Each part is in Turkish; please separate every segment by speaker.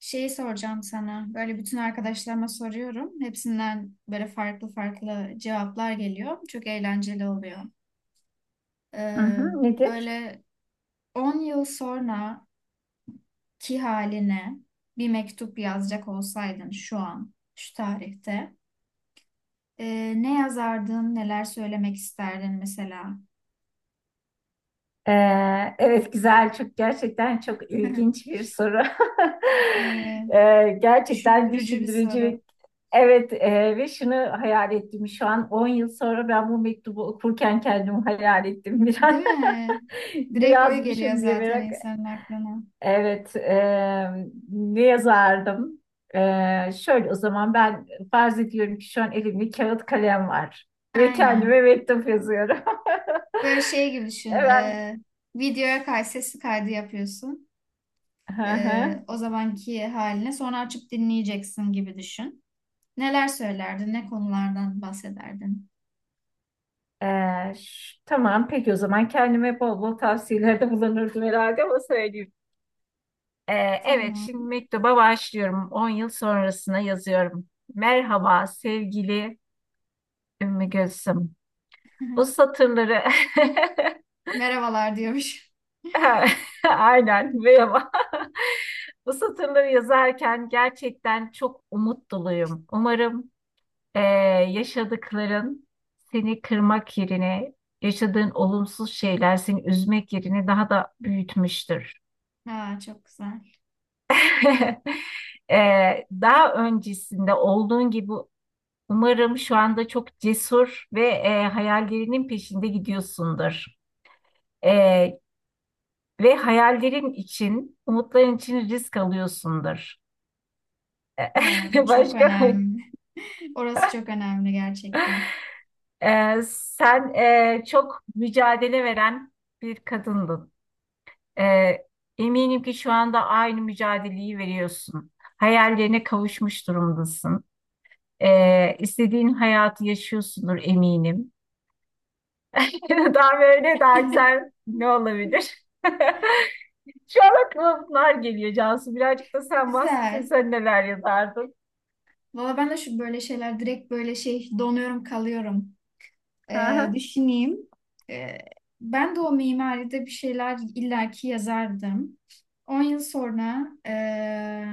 Speaker 1: Şeyi soracağım sana. Böyle bütün arkadaşlarıma soruyorum. Hepsinden böyle farklı farklı cevaplar geliyor. Çok eğlenceli oluyor.
Speaker 2: Hı
Speaker 1: Ee,
Speaker 2: hı, nedir?
Speaker 1: böyle 10 yıl sonra ki haline bir mektup yazacak olsaydın şu an, şu tarihte, ne yazardın, neler söylemek isterdin mesela?
Speaker 2: Evet, güzel, çok gerçekten çok ilginç bir soru.
Speaker 1: Evet.
Speaker 2: Gerçekten
Speaker 1: Düşündürücü bir
Speaker 2: düşündürücü.
Speaker 1: soru.
Speaker 2: Evet, ve şunu hayal ettim, şu an 10 yıl sonra ben bu mektubu okurken kendimi hayal ettim bir an.
Speaker 1: Değil mi?
Speaker 2: Ne
Speaker 1: Direkt o geliyor
Speaker 2: yazmışım diye
Speaker 1: zaten
Speaker 2: merak.
Speaker 1: insanın aklına.
Speaker 2: Evet, ne yazardım? Şöyle, o zaman ben farz ediyorum ki şu an elimde kağıt kalem var ve kendime
Speaker 1: Aynen.
Speaker 2: mektup yazıyorum.
Speaker 1: Böyle şey gibi düşün.
Speaker 2: Evet.
Speaker 1: Videoya sesli kaydı yapıyorsun.
Speaker 2: Hı hı.
Speaker 1: O zamanki haline sonra açıp dinleyeceksin gibi düşün. Neler söylerdin? Ne konulardan bahsederdin?
Speaker 2: Tamam, peki, o zaman kendime bol bol tavsiyelerde bulunurdum herhalde, ama söyleyeyim. Ee, evet, şimdi
Speaker 1: Tamam.
Speaker 2: mektuba başlıyorum. 10 yıl sonrasına yazıyorum. Merhaba sevgili Ümmü Gülsüm. Bu satırları
Speaker 1: Merhabalar diyormuş.
Speaker 2: aynen, merhaba. Bu satırları yazarken gerçekten çok umut doluyum. Umarım e, yaşadıkların seni kırmak yerine, yaşadığın olumsuz şeyler seni üzmek yerine daha da büyütmüştür.
Speaker 1: Ha, çok güzel.
Speaker 2: E, Daha öncesinde olduğun gibi umarım şu anda çok cesur ve hayallerinin peşinde gidiyorsundur. E, Ve hayallerin için, umutların için risk alıyorsundur.
Speaker 1: Evet, o çok
Speaker 2: Başka...
Speaker 1: önemli. Orası çok önemli gerçekten.
Speaker 2: e, sen, çok mücadele veren bir kadındın. Ee, Eminim ki şu anda aynı mücadeleyi veriyorsun. Hayallerine kavuşmuş durumdasın. İstediğin hayatı yaşıyorsundur, eminim. Daha böyle daha güzel ne olabilir? Şu an aklıma bunlar geliyor, Cansu. Birazcık da sen bahsetsen,
Speaker 1: Güzel.
Speaker 2: sen neler yazardın?
Speaker 1: Valla ben de şu böyle şeyler direkt böyle şey donuyorum kalıyorum. Düşüneyim. Ee, Ben de o mimaride bir şeyler illaki yazardım. 10 yıl sonra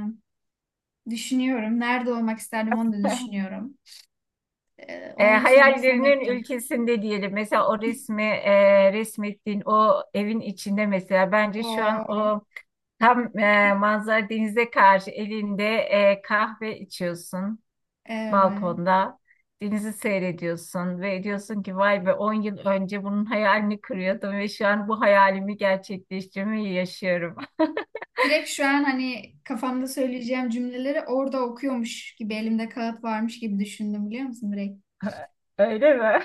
Speaker 1: düşünüyorum. Nerede olmak isterdim onu da düşünüyorum. 10 yıl sonrasına
Speaker 2: Hayallerinin
Speaker 1: mektup.
Speaker 2: ülkesinde diyelim. Mesela o resmi, resmettiğin o evin içinde mesela, bence şu an
Speaker 1: Oo,
Speaker 2: o... Tam, manzara denize karşı, elinde kahve içiyorsun
Speaker 1: evet.
Speaker 2: balkonda. Denizi seyrediyorsun ve diyorsun ki, vay be, 10 yıl önce bunun hayalini kuruyordum ve şu an bu hayalimi gerçekleştirmeyi yaşıyorum.
Speaker 1: Direkt şu an hani kafamda söyleyeceğim cümleleri orada okuyormuş gibi elimde kağıt varmış gibi düşündüm biliyor musun direkt?
Speaker 2: Öyle mi?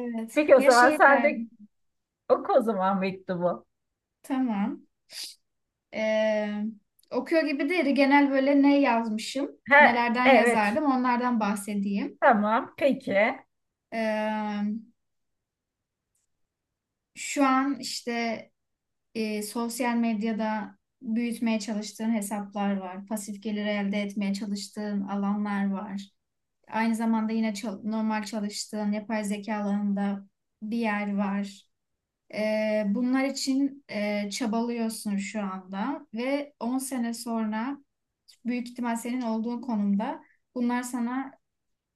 Speaker 2: Peki, o
Speaker 1: Ya
Speaker 2: zaman
Speaker 1: şey
Speaker 2: sen de
Speaker 1: derdim.
Speaker 2: oku o zaman mektubu.
Speaker 1: Tamam. Ee, Okuyor gibi değil. Genel böyle ne yazmışım,
Speaker 2: He,
Speaker 1: nelerden
Speaker 2: evet,
Speaker 1: yazardım onlardan bahsedeyim.
Speaker 2: tamam, peki.
Speaker 1: Ee, Şu an işte sosyal medyada büyütmeye çalıştığın hesaplar var. Pasif gelir elde etmeye çalıştığın alanlar var. Aynı zamanda yine normal çalıştığın yapay zeka alanında bir yer var. Bunlar için çabalıyorsun şu anda ve 10 sene sonra büyük ihtimal senin olduğun konumda bunlar sana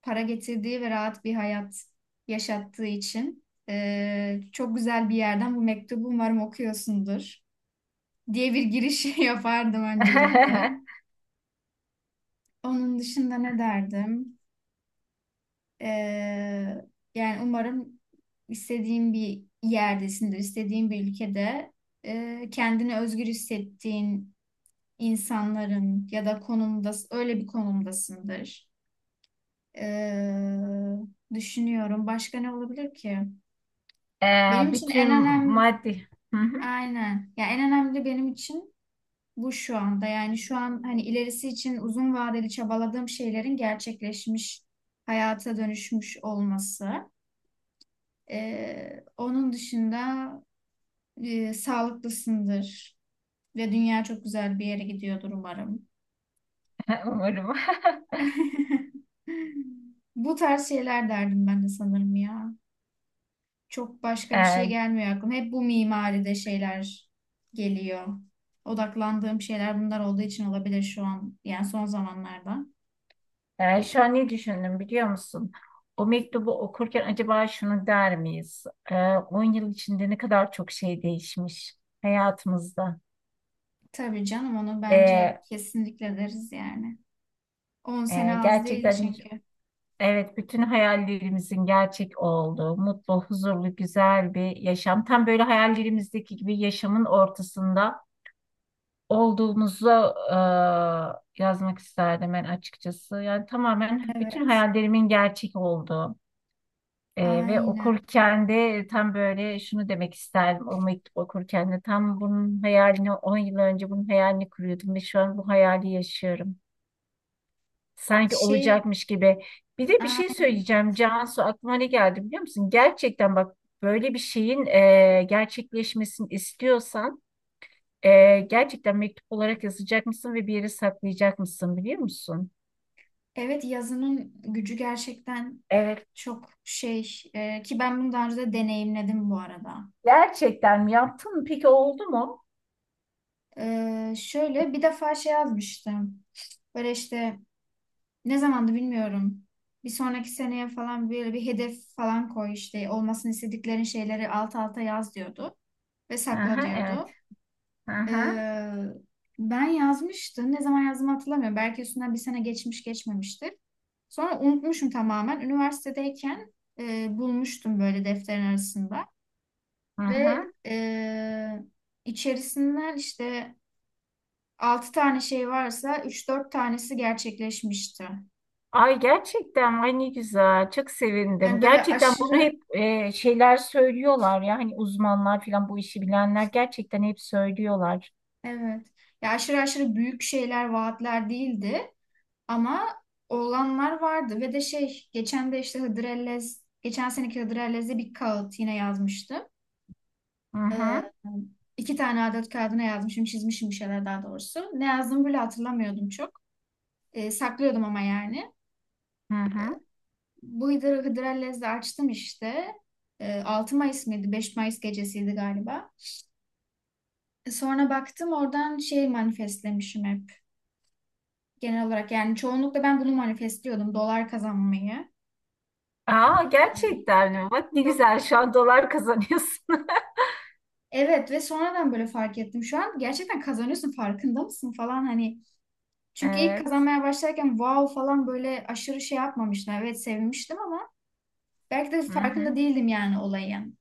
Speaker 1: para getirdiği ve rahat bir hayat yaşattığı için çok güzel bir yerden bu mektubu umarım okuyorsundur diye bir giriş yapardım öncelikle. Onun dışında ne derdim? Ee, Yani umarım istediğin bir yerdesindir, istediğin bir ülkede kendini özgür hissettiğin insanların ya da konumda öyle bir konumdasındır. Ee, Düşünüyorum. Başka ne olabilir ki?
Speaker 2: E,
Speaker 1: Benim için en
Speaker 2: Bütün
Speaker 1: önemli
Speaker 2: maddi... Hı hı.
Speaker 1: aynen. Ya en önemli benim için bu şu anda. Yani şu an hani ilerisi için uzun vadeli çabaladığım şeylerin gerçekleşmiş hayata dönüşmüş olması. Onun dışında sağlıklısındır ve dünya çok güzel bir yere gidiyordur umarım. Bu tarz şeyler derdim ben de sanırım ya. Çok başka bir şey gelmiyor aklıma. Hep bu mimaride şeyler geliyor. Odaklandığım şeyler bunlar olduğu için olabilir şu an. Yani son zamanlarda.
Speaker 2: Şu an ne düşündüm biliyor musun? O mektubu okurken acaba şunu der miyiz? 10 yıl içinde ne kadar çok şey değişmiş hayatımızda.
Speaker 1: Tabii canım onu bence
Speaker 2: Ee,
Speaker 1: kesinlikle deriz yani. On sene az değil
Speaker 2: Gerçekten,
Speaker 1: çünkü.
Speaker 2: evet, bütün hayallerimizin gerçek olduğu, mutlu, huzurlu, güzel bir yaşam. Tam böyle hayallerimizdeki gibi yaşamın ortasında olduğumuzu e, yazmak isterdim ben, açıkçası. Yani tamamen bütün
Speaker 1: Evet.
Speaker 2: hayallerimin gerçek olduğu. Ve
Speaker 1: Aynen.
Speaker 2: okurken de tam böyle şunu demek isterdim. O mektup okurken de tam bunun hayalini, 10 yıl önce bunun hayalini kuruyordum ve şu an bu hayali yaşıyorum. Sanki
Speaker 1: Şey,
Speaker 2: olacakmış gibi. Bir de bir şey söyleyeceğim Cansu, aklıma ne geldi biliyor musun? Gerçekten bak, böyle bir şeyin gerçekleşmesini istiyorsan gerçekten mektup olarak yazacak mısın ve bir yere saklayacak mısın, biliyor musun?
Speaker 1: evet yazının gücü gerçekten
Speaker 2: Evet.
Speaker 1: çok şey ki ben bunu daha önce de deneyimledim bu arada.
Speaker 2: Gerçekten mi yaptın? Peki, oldu mu?
Speaker 1: Şöyle bir defa şey yazmıştım. Böyle işte ne zamandı bilmiyorum. Bir sonraki seneye falan böyle bir hedef falan koy işte olmasını istediklerin şeyleri alt alta yaz diyordu ve sakla
Speaker 2: Aha, evet.
Speaker 1: diyordu.
Speaker 2: Aha,
Speaker 1: Ee, Ben yazmıştım. Ne zaman yazdığımı hatırlamıyorum. Belki üstünden bir sene geçmiş geçmemiştir. Sonra unutmuşum tamamen. Üniversitedeyken bulmuştum böyle defterin arasında. Ve
Speaker 2: aha.
Speaker 1: içerisinden işte 6 tane şey varsa üç dört tanesi gerçekleşmişti.
Speaker 2: Ay, gerçekten, ay ne güzel, çok sevindim.
Speaker 1: Yani böyle
Speaker 2: Gerçekten bunu
Speaker 1: aşırı
Speaker 2: hep şeyler söylüyorlar ya, hani uzmanlar falan, bu işi bilenler gerçekten hep söylüyorlar.
Speaker 1: evet. Ya aşırı aşırı büyük şeyler, vaatler değildi. Ama olanlar vardı ve de şey geçen de işte Hıdrellez geçen seneki Hıdrellez'de bir kağıt yine yazmıştım.
Speaker 2: Hı
Speaker 1: Ee,
Speaker 2: hı,
Speaker 1: 2 tane adet kağıdına yazmışım çizmişim bir şeyler daha doğrusu. Ne yazdığımı bile hatırlamıyordum çok. Saklıyordum ama yani.
Speaker 2: hı hı.
Speaker 1: Bu Hıdrellez'de açtım işte. 6 Mayıs mıydı? 5 Mayıs gecesiydi galiba. Sonra baktım oradan şey manifestlemişim hep. Genel olarak yani çoğunlukla ben bunu manifestliyordum. Dolar kazanmayı.
Speaker 2: Aa, gerçekten mi? Bak ne
Speaker 1: Çok.
Speaker 2: güzel, şu an dolar kazanıyorsun.
Speaker 1: Evet ve sonradan böyle fark ettim. Şu an gerçekten kazanıyorsun farkında mısın falan hani. Çünkü ilk
Speaker 2: Evet.
Speaker 1: kazanmaya başlarken wow falan böyle aşırı şey yapmamıştım. Evet sevinmiştim ama belki de
Speaker 2: Hı hı,
Speaker 1: farkında değildim yani olayın.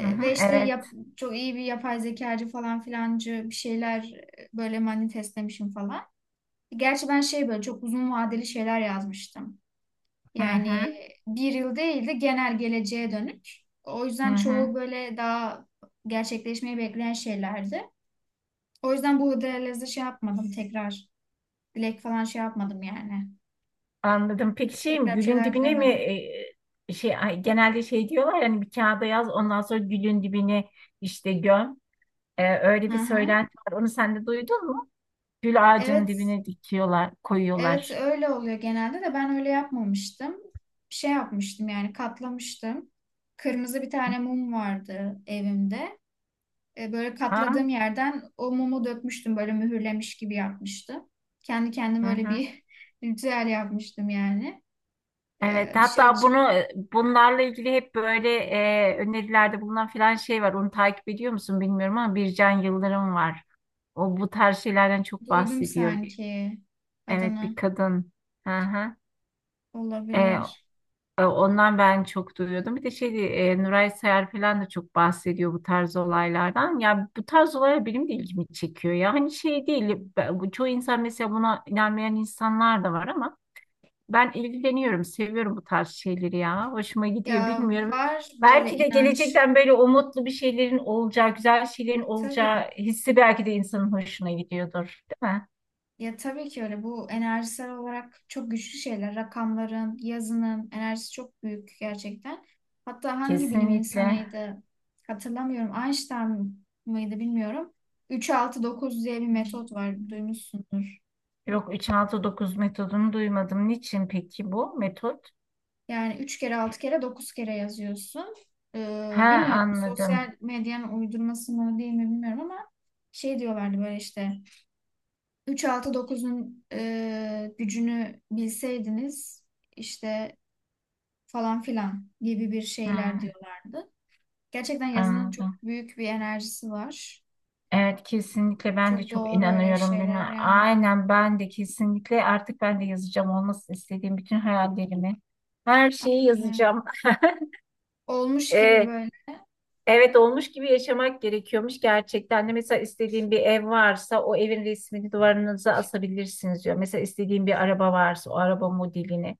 Speaker 2: hı hı.
Speaker 1: Ve işte
Speaker 2: Evet.
Speaker 1: çok iyi bir yapay zekacı falan filancı bir şeyler böyle manifestlemişim falan. Gerçi ben şey böyle çok uzun vadeli şeyler yazmıştım.
Speaker 2: Hı
Speaker 1: Yani
Speaker 2: hı,
Speaker 1: bir yıl değil de genel geleceğe dönük. O
Speaker 2: hı
Speaker 1: yüzden
Speaker 2: hı.
Speaker 1: çoğu böyle daha gerçekleşmeyi bekleyen şeylerdi. O yüzden bu Hıdrellez'de şey yapmadım tekrar. Dilek falan şey yapmadım yani.
Speaker 2: Anladım. Peki, şey mi,
Speaker 1: Tekrar bir
Speaker 2: gülün
Speaker 1: şeyler
Speaker 2: dibine mi,
Speaker 1: dilemedim.
Speaker 2: şey, ay, genelde şey diyorlar, yani bir kağıda yaz, ondan sonra gülün dibine işte göm. Öyle
Speaker 1: Hı
Speaker 2: bir
Speaker 1: hı.
Speaker 2: söylenti var. Onu sen de duydun mu? Gül ağacının
Speaker 1: Evet,
Speaker 2: dibine dikiyorlar,
Speaker 1: evet
Speaker 2: koyuyorlar.
Speaker 1: öyle oluyor genelde de ben öyle yapmamıştım. Şey yapmıştım yani katlamıştım. Kırmızı bir tane mum vardı evimde. Böyle
Speaker 2: Ha?
Speaker 1: katladığım yerden o mumu dökmüştüm böyle mühürlemiş gibi yapmıştım. Kendi
Speaker 2: Hı
Speaker 1: kendime böyle
Speaker 2: hı.
Speaker 1: bir ritüel yapmıştım yani.
Speaker 2: Evet,
Speaker 1: Dışarı
Speaker 2: hatta
Speaker 1: çık
Speaker 2: bunu, bunlarla ilgili hep böyle önerilerde bulunan filan şey var. Onu takip ediyor musun bilmiyorum ama, Bircan Yıldırım var. O bu tarz şeylerden çok
Speaker 1: duydum
Speaker 2: bahsediyor.
Speaker 1: sanki
Speaker 2: Evet, bir
Speaker 1: adını
Speaker 2: kadın. Hı hı. E,
Speaker 1: olabilir.
Speaker 2: Ondan ben çok duyuyordum. Bir de şey, Nuray Sayar falan da çok bahsediyor bu tarz olaylardan. Ya, bu tarz olaylar benim de ilgimi çekiyor. Ya, hani şey değil. Bu, çoğu insan mesela, buna inanmayan insanlar da var, ama ben ilgileniyorum, seviyorum bu tarz şeyleri ya. Hoşuma gidiyor,
Speaker 1: Ya
Speaker 2: bilmiyorum.
Speaker 1: var böyle
Speaker 2: Belki de
Speaker 1: inanç.
Speaker 2: gelecekten böyle umutlu bir şeylerin olacağı, güzel şeylerin
Speaker 1: Ya, tabii.
Speaker 2: olacağı hissi belki de insanın hoşuna gidiyordur, değil mi?
Speaker 1: Ya tabii ki öyle. Bu enerjisel olarak çok güçlü şeyler. Rakamların, yazının enerjisi çok büyük gerçekten. Hatta hangi bilim
Speaker 2: Kesinlikle.
Speaker 1: insanıydı hatırlamıyorum. Einstein mıydı bilmiyorum. Üç altı dokuz diye bir metot var. Duymuşsundur.
Speaker 2: Yok, 3-6-9 metodunu duymadım. Niçin peki bu metot?
Speaker 1: Yani 3 kere 6 kere 9 kere yazıyorsun.
Speaker 2: Ha,
Speaker 1: Bilmiyorum
Speaker 2: anladım.
Speaker 1: sosyal medyanın uydurması mı değil mi bilmiyorum ama şey diyorlardı böyle işte 3-6-9'un gücünü bilseydiniz işte falan filan gibi bir şeyler
Speaker 2: Hmm,
Speaker 1: diyorlardı. Gerçekten yazının çok
Speaker 2: anladım.
Speaker 1: büyük bir enerjisi var.
Speaker 2: Evet, kesinlikle ben de
Speaker 1: Çok
Speaker 2: çok
Speaker 1: doğru öyle
Speaker 2: inanıyorum
Speaker 1: şeyler
Speaker 2: buna.
Speaker 1: yani.
Speaker 2: Aynen, ben de kesinlikle, artık ben de yazacağım olmasını istediğim bütün hayallerimi. Her şeyi
Speaker 1: Aynen.
Speaker 2: yazacağım.
Speaker 1: Olmuş gibi böyle.
Speaker 2: Evet, olmuş gibi yaşamak gerekiyormuş gerçekten de. Mesela istediğin bir ev varsa, o evin resmini duvarınıza asabilirsiniz diyor. Mesela istediğin bir araba varsa, o araba modelini.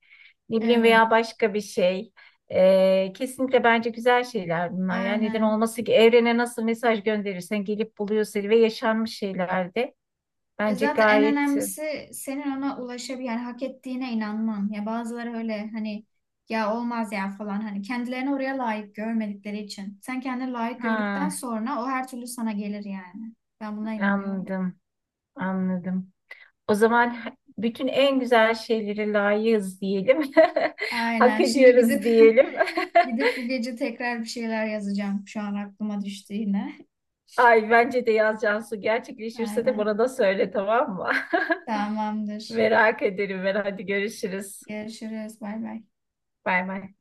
Speaker 2: Ne bileyim,
Speaker 1: Evet.
Speaker 2: veya başka bir şey. Kesinlikle bence güzel şeyler bunlar. Yani neden
Speaker 1: Aynen.
Speaker 2: olması ki, evrene nasıl mesaj gönderirsen gelip buluyor seni, ve yaşanmış şeyler de.
Speaker 1: Ya
Speaker 2: Bence
Speaker 1: zaten en
Speaker 2: gayet...
Speaker 1: önemlisi senin ona yani hak ettiğine inanman. Ya bazıları öyle hani ya olmaz ya falan hani kendilerini oraya layık görmedikleri için. Sen kendini layık gördükten
Speaker 2: Ha,
Speaker 1: sonra o her türlü sana gelir yani. Ben buna inanıyorum.
Speaker 2: anladım, anladım. O zaman bütün en güzel şeyleri layığız diyelim. Hak
Speaker 1: Aynen. Şimdi
Speaker 2: ediyoruz
Speaker 1: gidip
Speaker 2: diyelim.
Speaker 1: gidip bu gece tekrar bir şeyler yazacağım. Şu an aklıma düştü yine.
Speaker 2: Ay, bence de yaz Cansu, gerçekleşirse de
Speaker 1: Aynen.
Speaker 2: bana da söyle, tamam mı?
Speaker 1: Tamamdır.
Speaker 2: Merak ederim ben. Hadi, görüşürüz.
Speaker 1: Görüşürüz. Bay bay.
Speaker 2: Bay bay.